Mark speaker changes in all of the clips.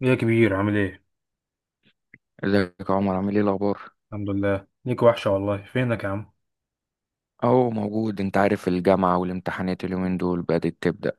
Speaker 1: يا كبير عامل ايه؟
Speaker 2: ازيك يا عمر؟ عامل ايه الاخبار؟
Speaker 1: الحمد لله، ليك وحشة والله. فينك يا عم؟
Speaker 2: اهو موجود، انت عارف الجامعه والامتحانات اليومين دول بدات تبدا.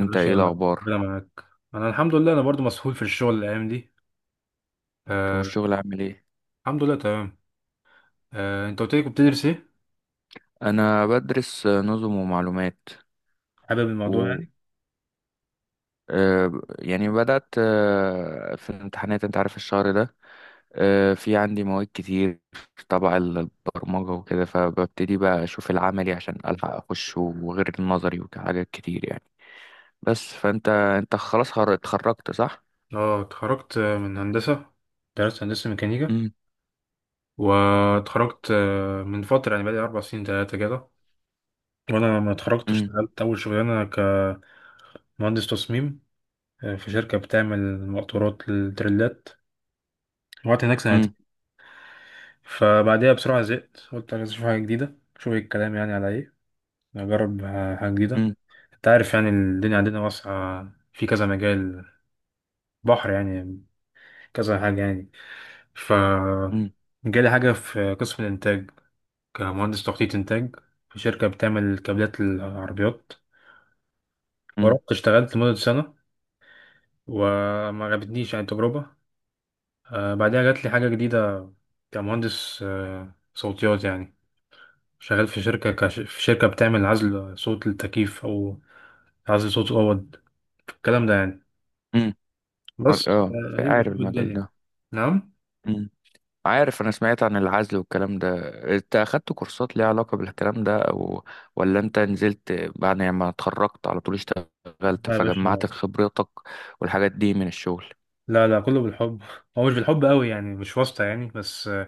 Speaker 1: يا باشا،
Speaker 2: ايه الاخبار؟
Speaker 1: ربنا معاك. انا الحمد لله، انا برضو مسحول في الشغل الايام دي.
Speaker 2: انت
Speaker 1: آه،
Speaker 2: والشغل عامل ايه؟
Speaker 1: الحمد لله تمام. آه، انت قلت لي كنت بتدرس ايه؟
Speaker 2: انا بدرس نظم ومعلومات.
Speaker 1: حابب الموضوع
Speaker 2: و
Speaker 1: يعني؟
Speaker 2: آه، يعني بدات، في الامتحانات انت عارف الشهر ده. في عندي مواد كتير تبع البرمجه وكده، فببتدي بقى اشوف العملي عشان الحق اخش وغير النظري وحاجات كتير يعني. بس فانت انت خلاص اتخرجت صح؟
Speaker 1: اه اتخرجت، من هندسة. درست هندسة ميكانيكا
Speaker 2: امم
Speaker 1: واتخرجت من فترة يعني، بقالي أربع سنين تلاتة كده. وأنا لما اتخرجت
Speaker 2: امم
Speaker 1: اشتغلت أول شغلانة كمهندس تصميم، في شركة بتعمل مقطورات للتريلات. وقعدت هناك سنتين. فبعديها بسرعة زهقت، قلت عايز أشوف حاجة جديدة، أشوف إيه الكلام يعني على إيه. أجرب حاجة جديدة.
Speaker 2: امم
Speaker 1: أنت عارف يعني الدنيا عندنا واسعة في كذا مجال، بحر يعني، كذا حاجة يعني. ف
Speaker 2: امم.
Speaker 1: جالي حاجة في قسم الإنتاج، كمهندس تخطيط إنتاج، في شركة بتعمل كابلات العربيات.
Speaker 2: امم
Speaker 1: ورحت اشتغلت لمدة سنة، وما عجبتنيش يعني التجربة. بعدها جات لي حاجة جديدة كمهندس صوتيات يعني، شغال في شركة في شركة بتعمل عزل صوت للتكييف أو عزل صوت أوض، الكلام ده يعني.
Speaker 2: امم.
Speaker 1: بس
Speaker 2: اه
Speaker 1: يبقى
Speaker 2: عارف
Speaker 1: شوف
Speaker 2: المجال
Speaker 1: الدنيا.
Speaker 2: ده.
Speaker 1: نعم.
Speaker 2: امم. عارف انا سمعت عن العزل والكلام ده. انت اخدت كورسات ليها علاقة بالكلام ده، او ولا انت نزلت بعد ما اتخرجت على طول اشتغلت
Speaker 1: لا يا باشا.
Speaker 2: فجمعت خبرتك والحاجات دي من الشغل؟
Speaker 1: لا لا، كله بالحب. هو مش بالحب قوي يعني، مش واسطة يعني، بس آه،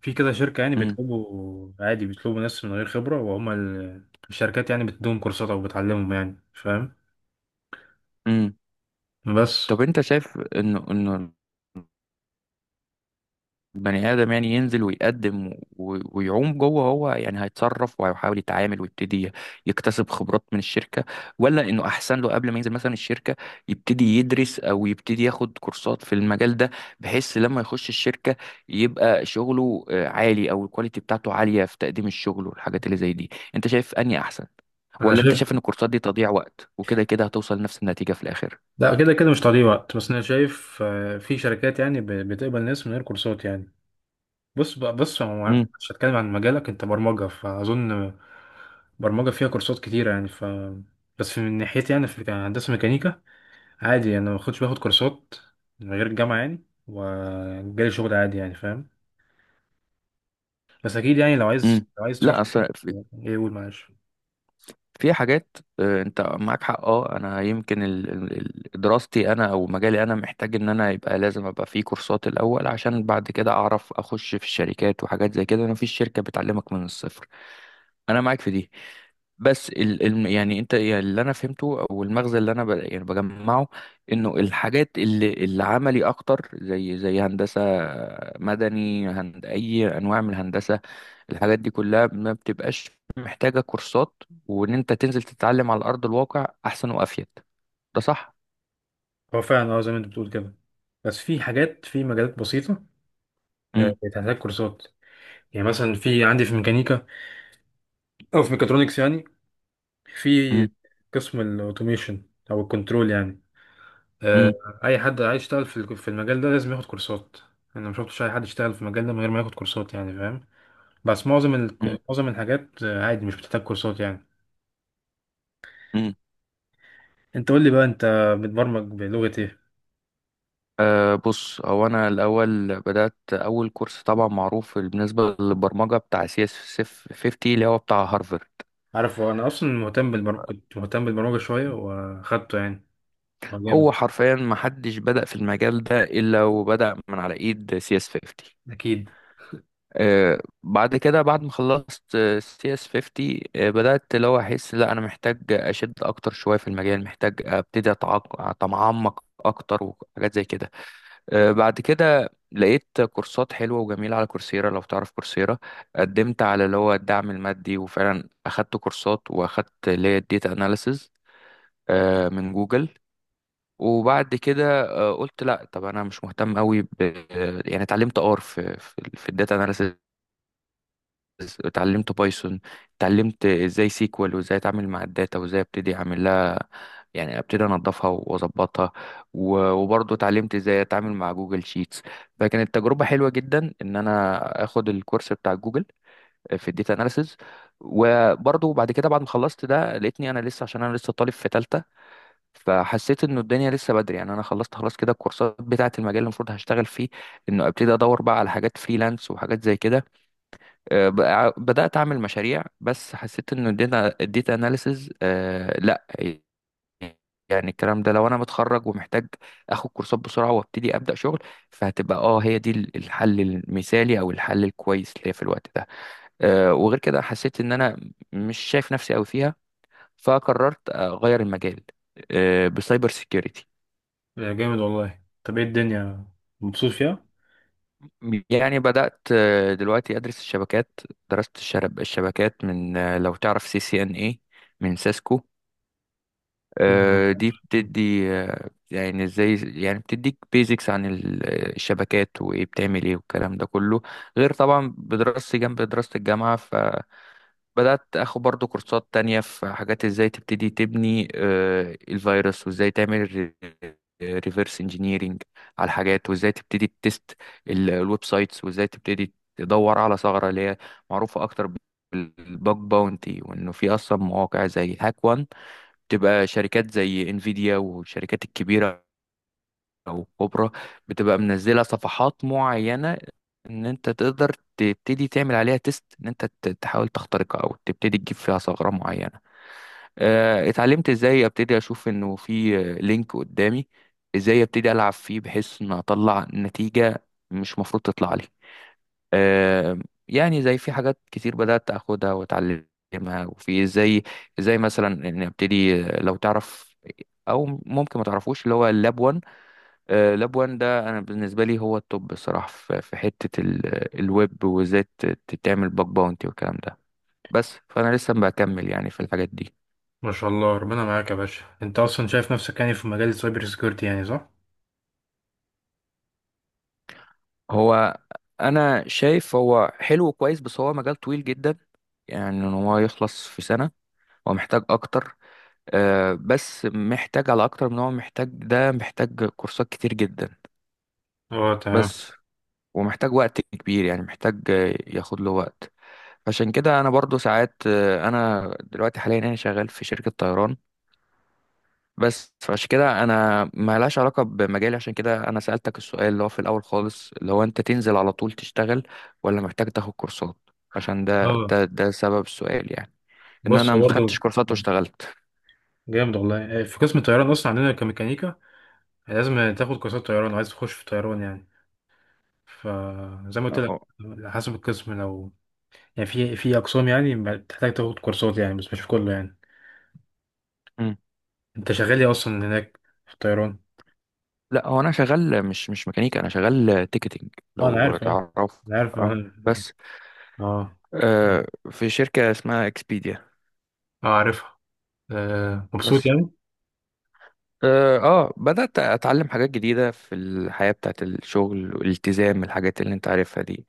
Speaker 1: في كده شركة يعني
Speaker 2: امم.
Speaker 1: بيطلبوا عادي، بيطلبوا ناس من غير خبرة، وهما الشركات يعني بتديهم كورسات أو بتعلمهم يعني، فاهم.
Speaker 2: امم
Speaker 1: بس.
Speaker 2: طب انت شايف انه بني آدم يعني ينزل ويقدم ويعوم جوه، هو يعني هيتصرف وهيحاول يتعامل ويبتدي يكتسب خبرات من الشركة، ولا إنه أحسن له قبل ما ينزل مثلا الشركة يبتدي يدرس أو يبتدي ياخد كورسات في المجال ده، بحيث لما يخش الشركة يبقى شغله عالي أو الكواليتي بتاعته عالية في تقديم الشغل والحاجات اللي زي دي؟ أنت شايف أنهي أحسن،
Speaker 1: أنا
Speaker 2: ولا أنت
Speaker 1: شايف.
Speaker 2: شايف إن الكورسات دي تضييع وقت وكده كده هتوصل لنفس النتيجة في الآخر؟
Speaker 1: لا، كده كده مش تضييع وقت، بس أنا شايف في شركات يعني بتقبل ناس من غير كورسات يعني. بص بقى، بص، هو
Speaker 2: امم
Speaker 1: مش هتكلم عن مجالك، انت برمجة فأظن برمجة فيها كورسات كتيرة يعني. ف بس في من ناحيتي يعني، في هندسة ميكانيكا عادي يعني، انا ما كنتش باخد كورسات من غير الجامعة يعني، وجالي شغل عادي يعني، فاهم. بس اكيد يعني لو عايز،
Speaker 2: امم.
Speaker 1: لو عايز تروح.
Speaker 2: لا أصلا
Speaker 1: ايه، قول، معلش.
Speaker 2: في حاجات، انت معاك حق. اه انا يمكن دراستي انا او مجالي انا محتاج ان انا يبقى لازم ابقى في كورسات الاول عشان بعد كده اعرف اخش في الشركات وحاجات زي كده، انا في شركة بتعلمك من الصفر. انا معاك في دي. بس ال يعني انت يعني اللي انا فهمته او المغزى اللي انا ب يعني بجمعه، انه الحاجات اللي عملي اكتر زي هندسة مدني، هند اي انواع من الهندسة، الحاجات دي كلها ما بتبقاش محتاجة كورسات، وإن أنت تنزل تتعلم على أرض الواقع أحسن وأفيد. ده صح؟
Speaker 1: هو فعلا اه، زي ما انت بتقول كده، بس في حاجات في مجالات بسيطة
Speaker 2: مم.
Speaker 1: بتحتاج كورسات. يعني مثلا في عندي في ميكانيكا او في ميكاترونكس يعني، في
Speaker 2: مم.
Speaker 1: قسم الاوتوميشن او الكنترول يعني،
Speaker 2: مم.
Speaker 1: اي حد عايز يشتغل في في المجال ده لازم ياخد كورسات. انا ما شفتش اي حد يشتغل في المجال ده من غير ما ياخد كورسات يعني، فاهم. بس معظم
Speaker 2: مم.
Speaker 1: معظم الحاجات عادي مش بتحتاج كورسات يعني.
Speaker 2: مم.
Speaker 1: انت قول لي بقى، انت بتبرمج بلغة ايه؟
Speaker 2: أه بص، هو أنا الأول بدأت أول كورس، طبعا معروف بالنسبة للبرمجة، بتاع سي اس 50 اللي هو بتاع هارفرد.
Speaker 1: عارف انا اصلا مهتم بالبرمجة، كنت مهتم بالبرمجة شوية واخدته يعني. هو
Speaker 2: هو
Speaker 1: جامد.
Speaker 2: حرفيا ما حدش بدأ في المجال ده إلا وبدأ من على إيد سي اس 50.
Speaker 1: اكيد.
Speaker 2: بعد كده بعد ما خلصت سي اس 50، بدأت اللي هو احس لا انا محتاج اشد اكتر شوية في المجال، محتاج ابتدي اتعمق اكتر وحاجات زي كده. بعد كده لقيت كورسات حلوة وجميلة على كورسيرا، لو تعرف كورسيرا. قدمت على اللي هو الدعم المادي، وفعلا اخدت كورسات واخدت اللي هي الديتا اناليسز من جوجل. وبعد كده قلت لا طب انا مش مهتم قوي ب، يعني اتعلمت ار في الداتا، اتعلمت بايثون، اتعلمت ازاي سيكوال وازاي اتعامل مع الداتا وازاي ابتدي اعمل لها، يعني ابتدي انضفها واظبطها، وبرضه اتعلمت ازاي اتعامل مع جوجل شيتس. فكانت تجربة حلوة جدا ان انا اخد الكورس بتاع جوجل في الداتا اناليسز. وبرضه بعد كده بعد ما خلصت ده لقيتني انا لسه، عشان انا لسه طالب في تالتة، فحسيت انه الدنيا لسه بدري يعني. انا خلصت خلاص كده الكورسات بتاعه المجال اللي المفروض هشتغل فيه، انه ابتدي ادور بقى على حاجات فريلانس وحاجات زي كده. بدأت أعمل مشاريع، بس حسيت إن الداتا، أناليسز، لأ. يعني الكلام ده لو أنا متخرج ومحتاج آخد كورسات بسرعة وأبتدي أبدأ شغل، فهتبقى أه هي دي الحل المثالي أو الحل الكويس ليا في الوقت ده. وغير كده حسيت إن أنا مش شايف نفسي أوي فيها، فقررت أغير المجال، بسايبر سيكيورتي.
Speaker 1: آه، جامد والله. طب ايه الدنيا، مبسوط فيها؟
Speaker 2: يعني بدأت دلوقتي أدرس الشبكات. درست الشبكات من، لو تعرف سي سي إن إيه، من سيسكو. دي
Speaker 1: مم.
Speaker 2: بتدي يعني ازاي، يعني بتديك بيزكس عن الشبكات وايه بتعمل ايه والكلام ده كله، غير طبعا بدراستي جنب دراسة الجامعة. فبدأت اخد برضو كورسات تانية في حاجات ازاي تبتدي تبني الفيروس، وازاي تعمل ريفرس انجينيرينج على الحاجات، وازاي تبتدي تست الويب سايتس، وازاي تبتدي تدور على ثغرة اللي هي معروفة اكتر بالباج باونتي، وانه في اصلا مواقع زي هاك تبقى شركات زي انفيديا والشركات الكبيرة او الكبرى بتبقى منزلة صفحات معينة ان انت تقدر تبتدي تعمل عليها تيست، ان انت تحاول تخترقها او تبتدي تجيب فيها ثغرة معينة. اتعلمت ازاي ابتدي اشوف انه في لينك قدامي، ازاي ابتدي العب فيه بحيث ان اطلع نتيجة مش مفروض تطلع لي. آم، يعني زي في حاجات كتير بدأت أخدها وأتعلمها، وفي زي مثلا إن أبتدي، لو تعرف أو ممكن ما تعرفوش اللي هو اللاب 1. لاب 1 ده أنا بالنسبة لي هو التوب بصراحة في في حتة الويب، وإزاي تعمل باك باونتي والكلام ده. بس فأنا لسه بكمل يعني في الحاجات دي.
Speaker 1: ما شاء الله، ربنا معاك يا باشا. انت اصلا شايف نفسك يعني في مجال السايبر سيكيورتي يعني، صح؟
Speaker 2: هو أنا شايف هو حلو وكويس، بس هو مجال طويل جدا. يعني إن هو يخلص في سنة، هو محتاج أكتر. بس محتاج على اكتر من، هو محتاج، ده محتاج كورسات كتير جدا،
Speaker 1: اه، تمام.
Speaker 2: بس. ومحتاج وقت كبير يعني، محتاج ياخد له وقت. عشان كده انا برضو ساعات، انا دلوقتي حاليا انا شغال في شركة طيران بس، فعشان كده انا ما لهاش علاقة بمجالي. عشان كده انا سألتك السؤال اللي هو في الاول خالص، اللي هو انت تنزل على طول تشتغل ولا محتاج تاخد كورسات؟ عشان ده
Speaker 1: اه.
Speaker 2: ده سبب السؤال يعني، ان
Speaker 1: بص
Speaker 2: انا ما
Speaker 1: هو برضه.
Speaker 2: خدتش كورسات واشتغلت.
Speaker 1: جامد والله. في قسم الطيران اصلا عندنا كميكانيكا لازم تاخد كورسات طيران لو عايز تخش في طيران يعني. فزي ما قلت لك،
Speaker 2: اه.
Speaker 1: على حسب القسم، لو يعني في في اقسام يعني بتحتاج تاخد كورسات يعني، بس مش في كله يعني. انت شغال ايه اصلا هناك في الطيران؟
Speaker 2: لا هو انا شغال مش ميكانيكا، انا شغال تيكتنج،
Speaker 1: اه انا
Speaker 2: لو
Speaker 1: عارف، اه،
Speaker 2: تعرف.
Speaker 1: انا عارف
Speaker 2: اه.
Speaker 1: اه.
Speaker 2: بس
Speaker 1: اه.
Speaker 2: في شركة اسمها اكسبيديا،
Speaker 1: آه، عارفها. آه. مبسوط
Speaker 2: بس.
Speaker 1: يعني.
Speaker 2: اه، بدأت اتعلم حاجات جديدة في الحياة بتاعت الشغل والالتزام، الحاجات اللي انت عارفها دي.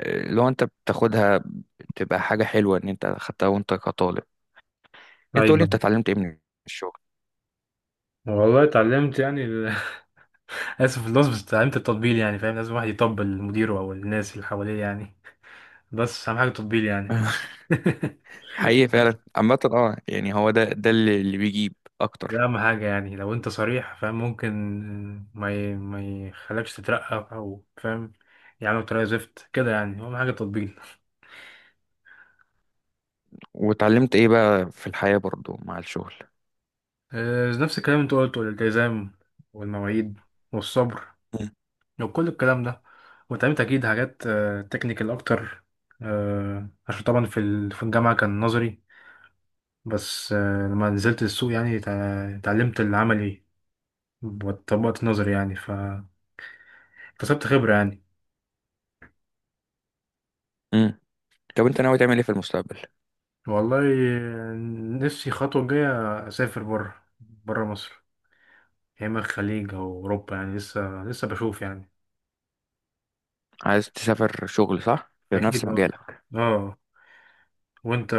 Speaker 2: لو انت بتاخدها بتبقى حاجة حلوة ان انت خدتها وانت كطالب. انت قولي
Speaker 1: ايوه.
Speaker 2: انت اتعلمت ايه من الشغل؟
Speaker 1: والله اتعلمت يعني اسف في اللفظ، بس اتعلمت التطبيل يعني، فاهم. لازم واحد يطبل لمديره او الناس اللي حواليه يعني. بس اهم حاجه التطبيل يعني.
Speaker 2: حقيقي فعلا عامة، اه يعني هو ده اللي بيجيب
Speaker 1: ده
Speaker 2: اكتر.
Speaker 1: اهم حاجه يعني، لو انت صريح فاهم، ممكن ما يخلكش تترقى او، فاهم، يعني بطريقه زفت كده يعني، اهم حاجه تطبيل.
Speaker 2: واتعلمت ايه بقى في الحياة برضو مع الشغل؟
Speaker 1: آه، نفس الكلام اللي انت قلته، الالتزام والمواعيد والصبر وكل الكلام ده. واتعلمت اكيد حاجات تكنيكال اكتر، عشان طبعا في في الجامعه كان نظري، بس لما نزلت السوق يعني اتعلمت العملي، وطبقت النظري يعني فاكتسبت خبره يعني.
Speaker 2: مم. طب انت ناوي تعمل ايه في المستقبل؟
Speaker 1: والله، نفسي الخطوة الجاية أسافر بره، بره مصر، يا إما الخليج أو أوروبا يعني، لسه لسه بشوف يعني.
Speaker 2: عايز تسافر شغل صح في نفس
Speaker 1: أكيد أه.
Speaker 2: مجالك؟
Speaker 1: أه. وأنت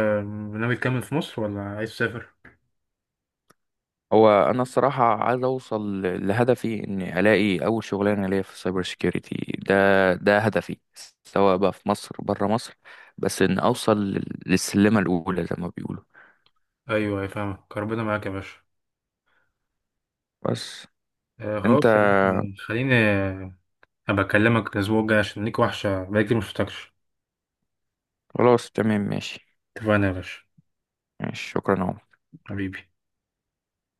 Speaker 1: ناوي تكمل في مصر ولا عايز تسافر؟
Speaker 2: هو انا الصراحه عايز اوصل لهدفي، اني الاقي اول شغلانه ليا في السايبر سيكيورتي. ده ده هدفي، سواء بقى في مصر بره مصر، بس ان اوصل للسلمه الاولى زي ما بيقولوا،
Speaker 1: أيوه، أيوة، فاهمك، ربنا معاك يا باشا.
Speaker 2: بس.
Speaker 1: آه،
Speaker 2: انت
Speaker 1: خلاص يا باشا، خليني أبقى أكلمك الأسبوع الجاي، عشان ليك وحشة بقالي كتير مشفتكش.
Speaker 2: خلاص، تمام، ماشي.
Speaker 1: اتفقنا يا باشا.
Speaker 2: ماشي، شكرا يا عمر.
Speaker 1: حبيبي.